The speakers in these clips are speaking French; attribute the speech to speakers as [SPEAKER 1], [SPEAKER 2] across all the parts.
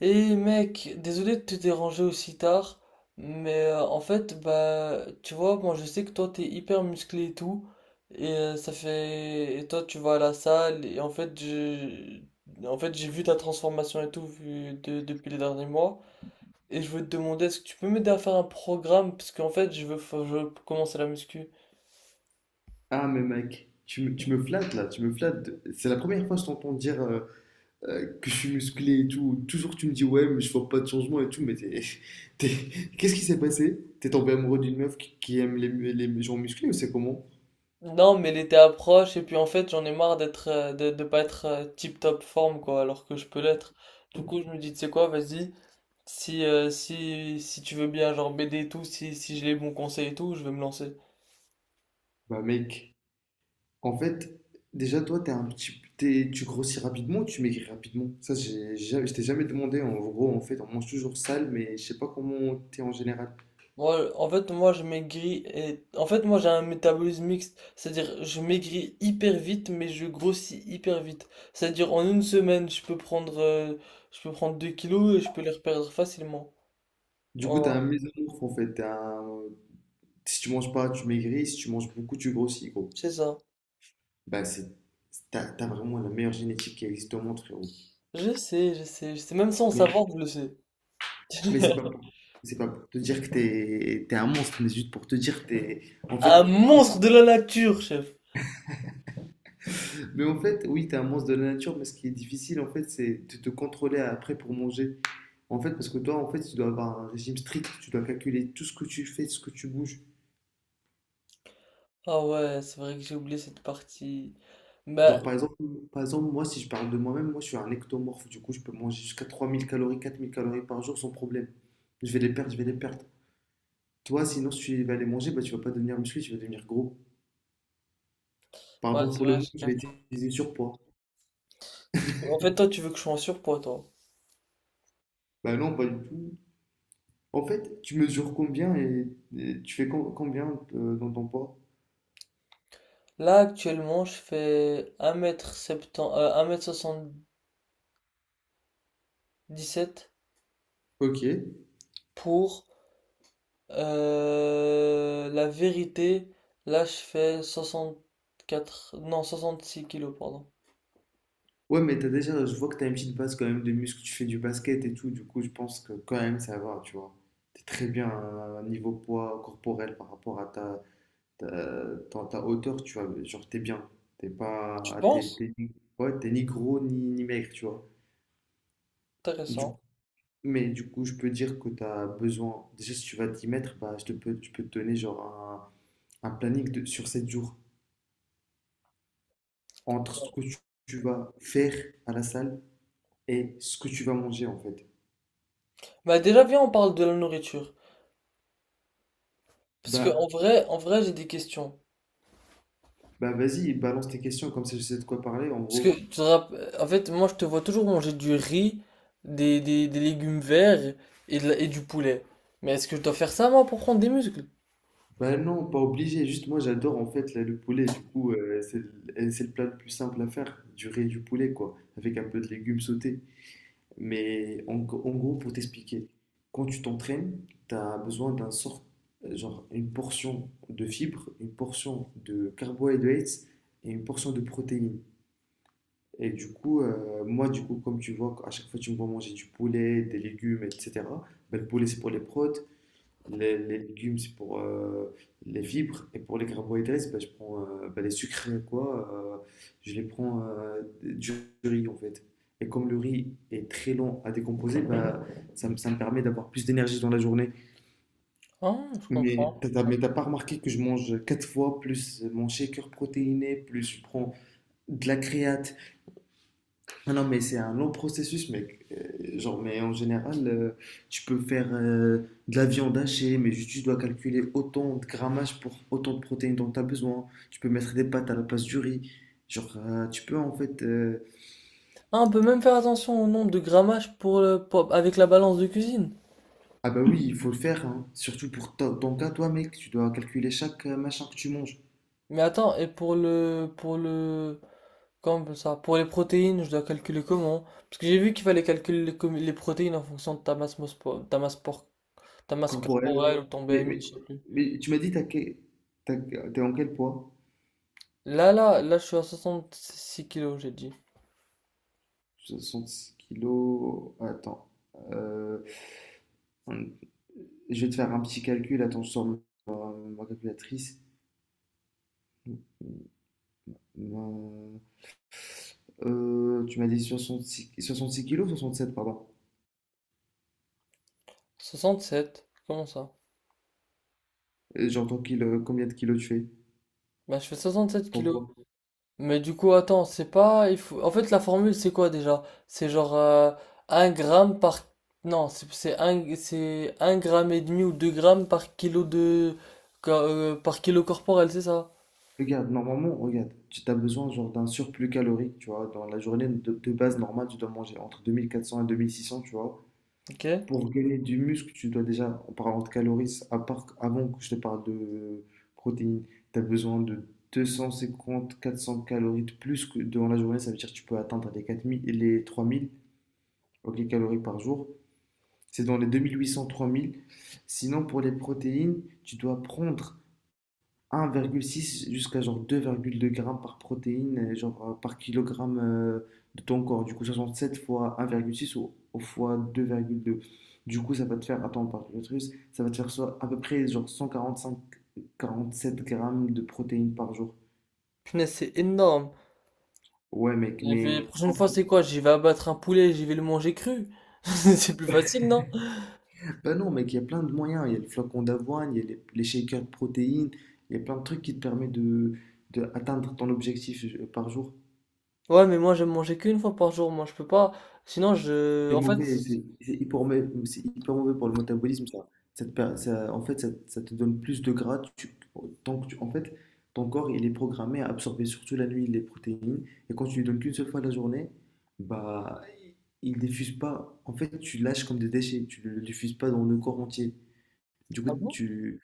[SPEAKER 1] Et mec, désolé de te déranger aussi tard, mais en fait, bah, tu vois, moi je sais que toi t'es hyper musclé et tout, et ça fait, et toi tu vas à la salle, en fait, j'ai vu ta transformation et tout depuis les derniers mois, et je veux te demander, est-ce que tu peux m'aider à faire un programme, parce qu'en fait, je veux commencer la muscu.
[SPEAKER 2] Ah, mais mec, tu me flattes là, tu me flattes. C'est la première fois que je t'entends dire que je suis musclé et tout. Toujours tu me dis ouais, mais je vois pas de changement et tout, qu'est-ce qui s'est passé? T'es tombé amoureux d'une meuf qui aime les gens musclés ou c'est comment?
[SPEAKER 1] Non, mais l'été approche, et puis en fait, j'en ai marre d'être, de pas être tip top forme, quoi, alors que je peux l'être. Du coup, je me dis, tu sais quoi, vas-y. Si tu veux bien, genre BD et tout, si j'ai les bons conseils et tout, je vais me lancer.
[SPEAKER 2] Bah mec, en fait, déjà toi t'es un petit, t'es- tu grossis rapidement, tu maigris rapidement. Ça, j'ai, jamais- je t'ai jamais demandé. En gros, en fait, on mange toujours sale, mais je sais pas comment t'es en général.
[SPEAKER 1] Moi, je maigris et... En fait, moi, j'ai un métabolisme mixte. C'est-à-dire, je maigris hyper vite, mais je grossis hyper vite. C'est-à-dire, en une semaine, je peux prendre 2 kilos et je peux les reperdre facilement.
[SPEAKER 2] Du coup, t'as
[SPEAKER 1] Oh,
[SPEAKER 2] un mésomorphe en fait, si tu manges pas, tu maigris. Si tu manges beaucoup, tu grossis, gros.
[SPEAKER 1] c'est ça.
[SPEAKER 2] Bah, c'est, t'as vraiment la meilleure génétique qui existe au monde, frérot.
[SPEAKER 1] Je sais, je sais, je sais. Même sans
[SPEAKER 2] Mais,
[SPEAKER 1] savoir, je le sais.
[SPEAKER 2] mais c'est pas pour, c'est pas pour te dire que t'es, t'es un monstre, mais juste pour te dire que t'es, en
[SPEAKER 1] Un
[SPEAKER 2] fait,
[SPEAKER 1] monstre de la nature, chef.
[SPEAKER 2] mais en fait, oui, t'es un monstre de la nature, mais ce qui est difficile, en fait, c'est de te contrôler après pour manger. En fait, parce que toi, en fait, tu dois avoir un régime strict. Tu dois calculer tout ce que tu fais, tout ce que tu bouges.
[SPEAKER 1] Ah ouais, c'est vrai que j'ai oublié cette partie. Bah,
[SPEAKER 2] Genre, par exemple, moi, si je parle de moi-même, moi, je suis un ectomorphe. Du coup, je peux manger jusqu'à 3 000 calories, 4 000 calories par jour sans problème. Je vais les perdre, je vais les perdre. Toi, sinon, si tu vas les manger, bah, tu vas pas devenir musclé, tu vas devenir gros.
[SPEAKER 1] ouais,
[SPEAKER 2] Pardon
[SPEAKER 1] c'est
[SPEAKER 2] pour le
[SPEAKER 1] vrai,
[SPEAKER 2] mot,
[SPEAKER 1] j'ai
[SPEAKER 2] je vais
[SPEAKER 1] capté.
[SPEAKER 2] utiliser surpoids.
[SPEAKER 1] En fait, toi, tu veux que je sois en surpoids, toi.
[SPEAKER 2] Bah non, pas du tout. En fait, tu mesures combien et tu fais combien dans ton poids?
[SPEAKER 1] Là, actuellement, je fais un mètre m 70 77
[SPEAKER 2] Ok.
[SPEAKER 1] pour la vérité. Là, je fais soixante quatre non, 66 kilos, pardon.
[SPEAKER 2] Ouais, mais t'as déjà, je vois que t'as une petite base quand même de muscles, tu fais du basket et tout, du coup, je pense que quand même ça va, tu vois. T'es très bien à un niveau poids corporel par rapport à ta hauteur, tu vois, genre t'es bien. T'es pas.
[SPEAKER 1] Tu
[SPEAKER 2] Ah, T'es,
[SPEAKER 1] penses?
[SPEAKER 2] t'es ni... Ouais, t'es ni gros ni, ni maigre, tu vois. Du-
[SPEAKER 1] Intéressant.
[SPEAKER 2] Mais du coup, je peux dire que t'as besoin. Déjà, si tu vas t'y mettre, bah, je peux te donner genre un planning de, sur 7 jours entre ce que tu vas faire à la salle et ce que tu vas manger en fait.
[SPEAKER 1] Bah, déjà, viens, on parle de la nourriture. Parce que,
[SPEAKER 2] Bah,
[SPEAKER 1] en vrai, j'ai des questions.
[SPEAKER 2] bah, vas-y, balance tes questions, comme ça je sais de quoi parler en
[SPEAKER 1] Parce que,
[SPEAKER 2] gros.
[SPEAKER 1] tu te rapp- En fait, moi, je te vois toujours manger du riz, des légumes verts et du poulet. Mais est-ce que je dois faire ça, moi, pour prendre des muscles?
[SPEAKER 2] Bah non, pas obligé. Juste moi, j'adore en fait là, le poulet. Du coup, c'est le plat le plus simple à faire. Du riz et du poulet, quoi. Avec un peu de légumes sautés. Mais en gros, pour t'expliquer, quand tu t'entraînes, tu as besoin d'un sort, genre une portion de fibres, une portion de carbohydrates et une portion de protéines. Et du coup, moi, du coup, comme tu vois, à chaque fois tu me vois manger du poulet, des légumes, etc. Bah, le poulet, c'est pour les prods. Les légumes, c'est pour les fibres. Et pour les carbohydrates, bah, je prends bah, les sucres, quoi. Je les prends du riz, en fait. Et comme le riz est très long à décomposer, bah, ça me permet d'avoir plus d'énergie dans la journée.
[SPEAKER 1] Ah, je
[SPEAKER 2] Mais
[SPEAKER 1] comprends.
[SPEAKER 2] mais t'as pas remarqué que je mange quatre fois plus mon shaker protéiné, plus je prends de la créate, ah non, mais c'est un long processus, mec. Genre, mais en général, tu peux faire de la viande hachée, mais juste tu dois calculer autant de grammage pour autant de protéines dont tu as besoin. Tu peux mettre des pâtes à la place du riz. Genre, tu peux en fait.
[SPEAKER 1] Ah, on peut même faire attention au nombre de grammages pour avec la balance de cuisine.
[SPEAKER 2] Ah bah oui, il faut le faire, hein. Surtout pour ton cas, toi, mec. Tu dois calculer chaque machin que tu manges.
[SPEAKER 1] Mais attends, pour le, comme ça, pour les protéines, je dois calculer comment? Parce que j'ai vu qu'il fallait calculer les protéines en fonction de ta masse, mospo- ta masse, por- ta masse
[SPEAKER 2] Corporel, ouais.
[SPEAKER 1] corporelle ou ton
[SPEAKER 2] Mais, mais,
[SPEAKER 1] BMI.
[SPEAKER 2] mais tu m'as dit, t'as- t'es en quel poids?
[SPEAKER 1] Là, là, là, je suis à 66 kilos, j'ai dit.
[SPEAKER 2] 66 kilos. Attends. Euh, Je vais te faire un petit calcul. Attends, je sors ma calculatrice. Euh, Tu m'as dit 66, 66 kilos, 67, pardon.
[SPEAKER 1] 67, comment ça?
[SPEAKER 2] J'entends kilo, combien de kilos tu fais,
[SPEAKER 1] Bah, je fais 67
[SPEAKER 2] ton
[SPEAKER 1] kilos.
[SPEAKER 2] poids.
[SPEAKER 1] Mais du coup, attends, c'est pas. Il faut... En fait, la formule, c'est quoi déjà? C'est genre 1 gramme par. Non, c'est un gramme et demi ou 2 grammes par kilo de. Par kilo corporel, c'est ça?
[SPEAKER 2] Regarde, normalement, regarde, tu as besoin genre d'un surplus calorique, tu vois. Dans la journée de base normale, tu dois manger entre 2 400 et 2 600, tu vois.
[SPEAKER 1] Ok.
[SPEAKER 2] Pour gagner du muscle, tu dois déjà, en parlant de calories, à part, avant que je te parle de protéines, tu as besoin de 250-400 calories de plus que durant la journée. Ça veut dire que tu peux atteindre les 4 000, les 3 000 ok, calories par jour. C'est dans les 2 800-3 000. Sinon, pour les protéines, tu dois prendre 1,6 jusqu'à genre 2,2 grammes par protéine, genre par kilogramme de ton corps. Du coup, 67 fois 1,6 ou fois 2,2. Du coup, ça va te faire, attends, par l'utérus, ça va te faire soit à peu près genre 145, 47 grammes de protéines par jour.
[SPEAKER 1] Punaise, c'est énorme.
[SPEAKER 2] Ouais, mec,
[SPEAKER 1] Et puis, la
[SPEAKER 2] mais.
[SPEAKER 1] prochaine fois, c'est quoi? J'y vais abattre un poulet, j'y vais le manger cru. C'est plus facile, non?
[SPEAKER 2] Bah non, mec, il y a plein de moyens. Il y a le flocon d'avoine, il y a les shakers de protéines, il y a plein de trucs qui te permettent de atteindre ton objectif par jour.
[SPEAKER 1] Ouais, mais moi, j'aime manger qu'une fois par jour. Moi, je peux pas. Sinon, je.
[SPEAKER 2] C'est
[SPEAKER 1] En fait.
[SPEAKER 2] mauvais, c'est hyper mauvais, c'est hyper mauvais pour le métabolisme, ça. En fait, ça te donne plus de gras. En fait, ton corps, il est programmé à absorber surtout la nuit les protéines. Et quand tu lui donnes qu'une seule fois la journée, bah, il diffuse pas. En fait, tu lâches comme des déchets. Tu le diffuses pas dans le corps entier. Du coup,
[SPEAKER 1] Ah bon?
[SPEAKER 2] tu,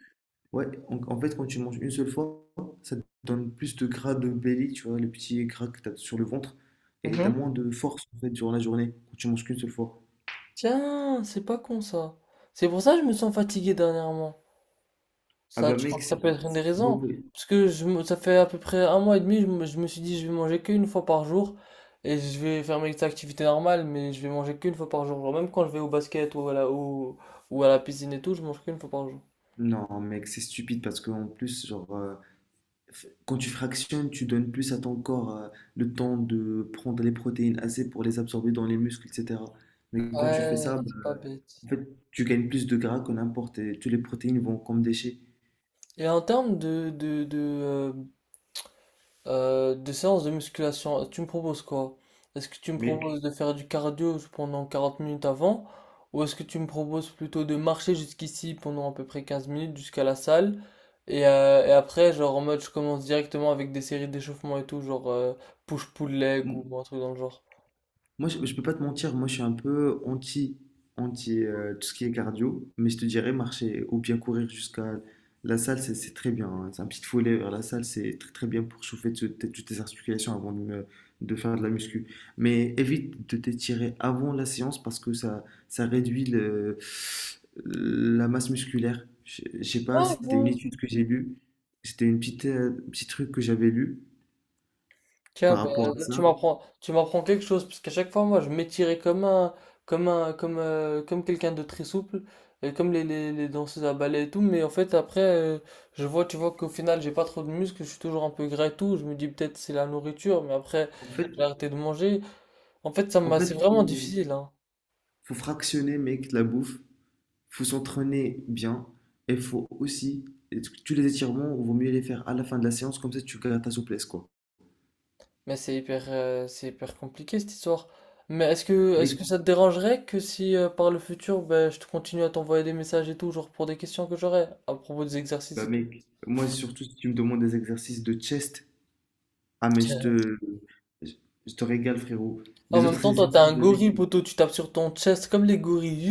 [SPEAKER 2] ouais, en fait, quand tu manges une seule fois, ça te donne plus de gras de belly, tu vois, le petit gras que tu as sur le ventre. Et tu as
[SPEAKER 1] Mhm.
[SPEAKER 2] moins de force, en fait, durant la journée, quand tu manges qu'une seule fois.
[SPEAKER 1] Tiens, c'est pas con ça. C'est pour ça que je me sens fatigué dernièrement.
[SPEAKER 2] Ah
[SPEAKER 1] Ça,
[SPEAKER 2] bah
[SPEAKER 1] tu crois
[SPEAKER 2] mec,
[SPEAKER 1] que ça peut être une des
[SPEAKER 2] c'est
[SPEAKER 1] raisons?
[SPEAKER 2] mauvais.
[SPEAKER 1] Parce que je, me- Ça fait à peu près un mois et demi, je me suis dit je vais manger qu'une fois par jour et je vais faire mes activités normales, mais je vais manger qu'une fois par jour. Genre, même quand je vais au basket ou à la piscine et tout, je mange qu'une fois par jour.
[SPEAKER 2] Non mec, c'est stupide parce qu'en plus, genre, quand tu fractionnes, tu donnes plus à ton corps le temps de prendre les protéines assez pour les absorber dans les muscles, etc. Mais quand tu fais
[SPEAKER 1] Ouais,
[SPEAKER 2] ça, bah,
[SPEAKER 1] c'est pas bête.
[SPEAKER 2] en fait, tu gagnes plus de gras que n'importe et toutes les protéines vont comme déchets.
[SPEAKER 1] Et en termes de des séances de musculation, tu me proposes quoi? Est-ce que tu me proposes
[SPEAKER 2] Mec,
[SPEAKER 1] de faire du cardio pendant 40 minutes avant? Ou est-ce que tu me proposes plutôt de marcher jusqu'ici pendant à peu près 15 minutes jusqu'à la salle? Et après, genre en mode, je commence directement avec des séries d'échauffement et tout, push-pull leg ou un truc dans le genre.
[SPEAKER 2] Moi, je peux pas te mentir, moi je suis un peu anti tout ce qui est cardio, mais je te dirais marcher ou bien courir jusqu'à la salle, c'est très bien, hein. C'est un petit foulée vers la salle, c'est très très bien pour chauffer toutes tes articulations avant de faire de la muscu. Mais évite de t'étirer avant la séance parce que ça réduit le, la masse musculaire. Je sais pas, c'était une étude que j'ai lue, c'était une petite petit truc que j'avais lu
[SPEAKER 1] Tiens,
[SPEAKER 2] par
[SPEAKER 1] bah,
[SPEAKER 2] rapport à
[SPEAKER 1] là,
[SPEAKER 2] ça.
[SPEAKER 1] tu m'apprends quelque chose, parce qu'à chaque fois, moi, je m'étirais comme quelqu'un de très souple, et comme les danseuses à ballet et tout, mais en fait, je vois, tu vois qu'au final, j'ai pas trop de muscles, je suis toujours un peu gras et tout, je me dis peut-être c'est la nourriture, mais après,
[SPEAKER 2] En fait,
[SPEAKER 1] j'ai arrêté de manger. En fait,
[SPEAKER 2] en
[SPEAKER 1] c'est
[SPEAKER 2] fait,
[SPEAKER 1] vraiment
[SPEAKER 2] faut
[SPEAKER 1] difficile, hein.
[SPEAKER 2] faut fractionner, mec, la bouffe. Faut s'entraîner bien. Et faut aussi, tous les étirements, vaut mieux les faire à la fin de la séance, comme ça tu gardes ta souplesse, quoi.
[SPEAKER 1] Mais c'est hyper compliqué, cette histoire. Mais est-ce que
[SPEAKER 2] Mec,
[SPEAKER 1] ça te dérangerait que si, par le futur, ben, je te continue à t'envoyer des messages et tout, genre pour des questions que j'aurais, à propos des exercices
[SPEAKER 2] Bah
[SPEAKER 1] et tout?
[SPEAKER 2] mec, moi surtout si tu me demandes des exercices de chest, ah mais je je te régale, frérot.
[SPEAKER 1] En
[SPEAKER 2] Les
[SPEAKER 1] même
[SPEAKER 2] autres
[SPEAKER 1] temps, toi, t'es
[SPEAKER 2] exercices,
[SPEAKER 1] un
[SPEAKER 2] je les...
[SPEAKER 1] gorille, poteau, tu tapes sur ton chest comme les gorilles.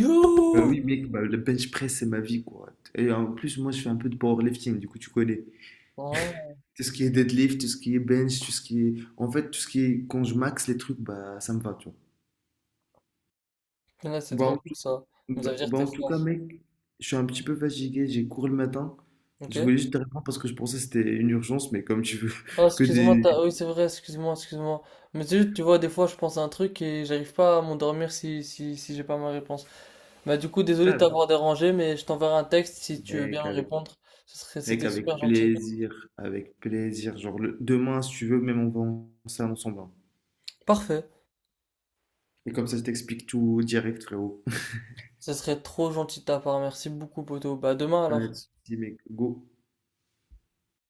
[SPEAKER 2] Bah
[SPEAKER 1] Yo!
[SPEAKER 2] oui, mec, bah, le bench press, c'est ma vie, quoi. Et en plus, moi, je fais un peu de powerlifting, du coup, tu connais.
[SPEAKER 1] Oh,
[SPEAKER 2] Tout ce qui est deadlift, tout ce qui est bench, tout ce qui est... En fait, tout ce qui est... Quand je max les trucs, bah, ça me va, tu
[SPEAKER 1] là, c'est trop
[SPEAKER 2] vois.
[SPEAKER 1] cool ça. Mais ça veut dire que t'es
[SPEAKER 2] En tout cas,
[SPEAKER 1] fort.
[SPEAKER 2] mec, je suis un petit peu fatigué, j'ai cours le matin.
[SPEAKER 1] Ok?
[SPEAKER 2] Je voulais juste te répondre parce que je pensais que c'était une urgence, mais comme tu veux
[SPEAKER 1] Oh,
[SPEAKER 2] que des...
[SPEAKER 1] oui, c'est vrai, excuse-moi, excuse-moi. Mais c'est juste, tu vois, des fois, je pense à un truc et j'arrive pas à m'endormir si j'ai pas ma réponse. Bah, du coup, désolé de
[SPEAKER 2] Ah,
[SPEAKER 1] t'avoir dérangé, mais je t'enverrai un texte si tu veux bien
[SPEAKER 2] Mec,
[SPEAKER 1] me
[SPEAKER 2] avec,
[SPEAKER 1] répondre.
[SPEAKER 2] mec,
[SPEAKER 1] C'était super
[SPEAKER 2] avec
[SPEAKER 1] gentil.
[SPEAKER 2] plaisir, avec plaisir. Genre, demain, si tu veux, même on va en salle ensemble, hein.
[SPEAKER 1] Parfait.
[SPEAKER 2] Et comme ça, je t'explique tout direct, frérot.
[SPEAKER 1] Ce serait trop gentil de ta part. Merci beaucoup, poteau. Bah, à demain
[SPEAKER 2] Pas
[SPEAKER 1] alors.
[SPEAKER 2] de soucis, mec, go.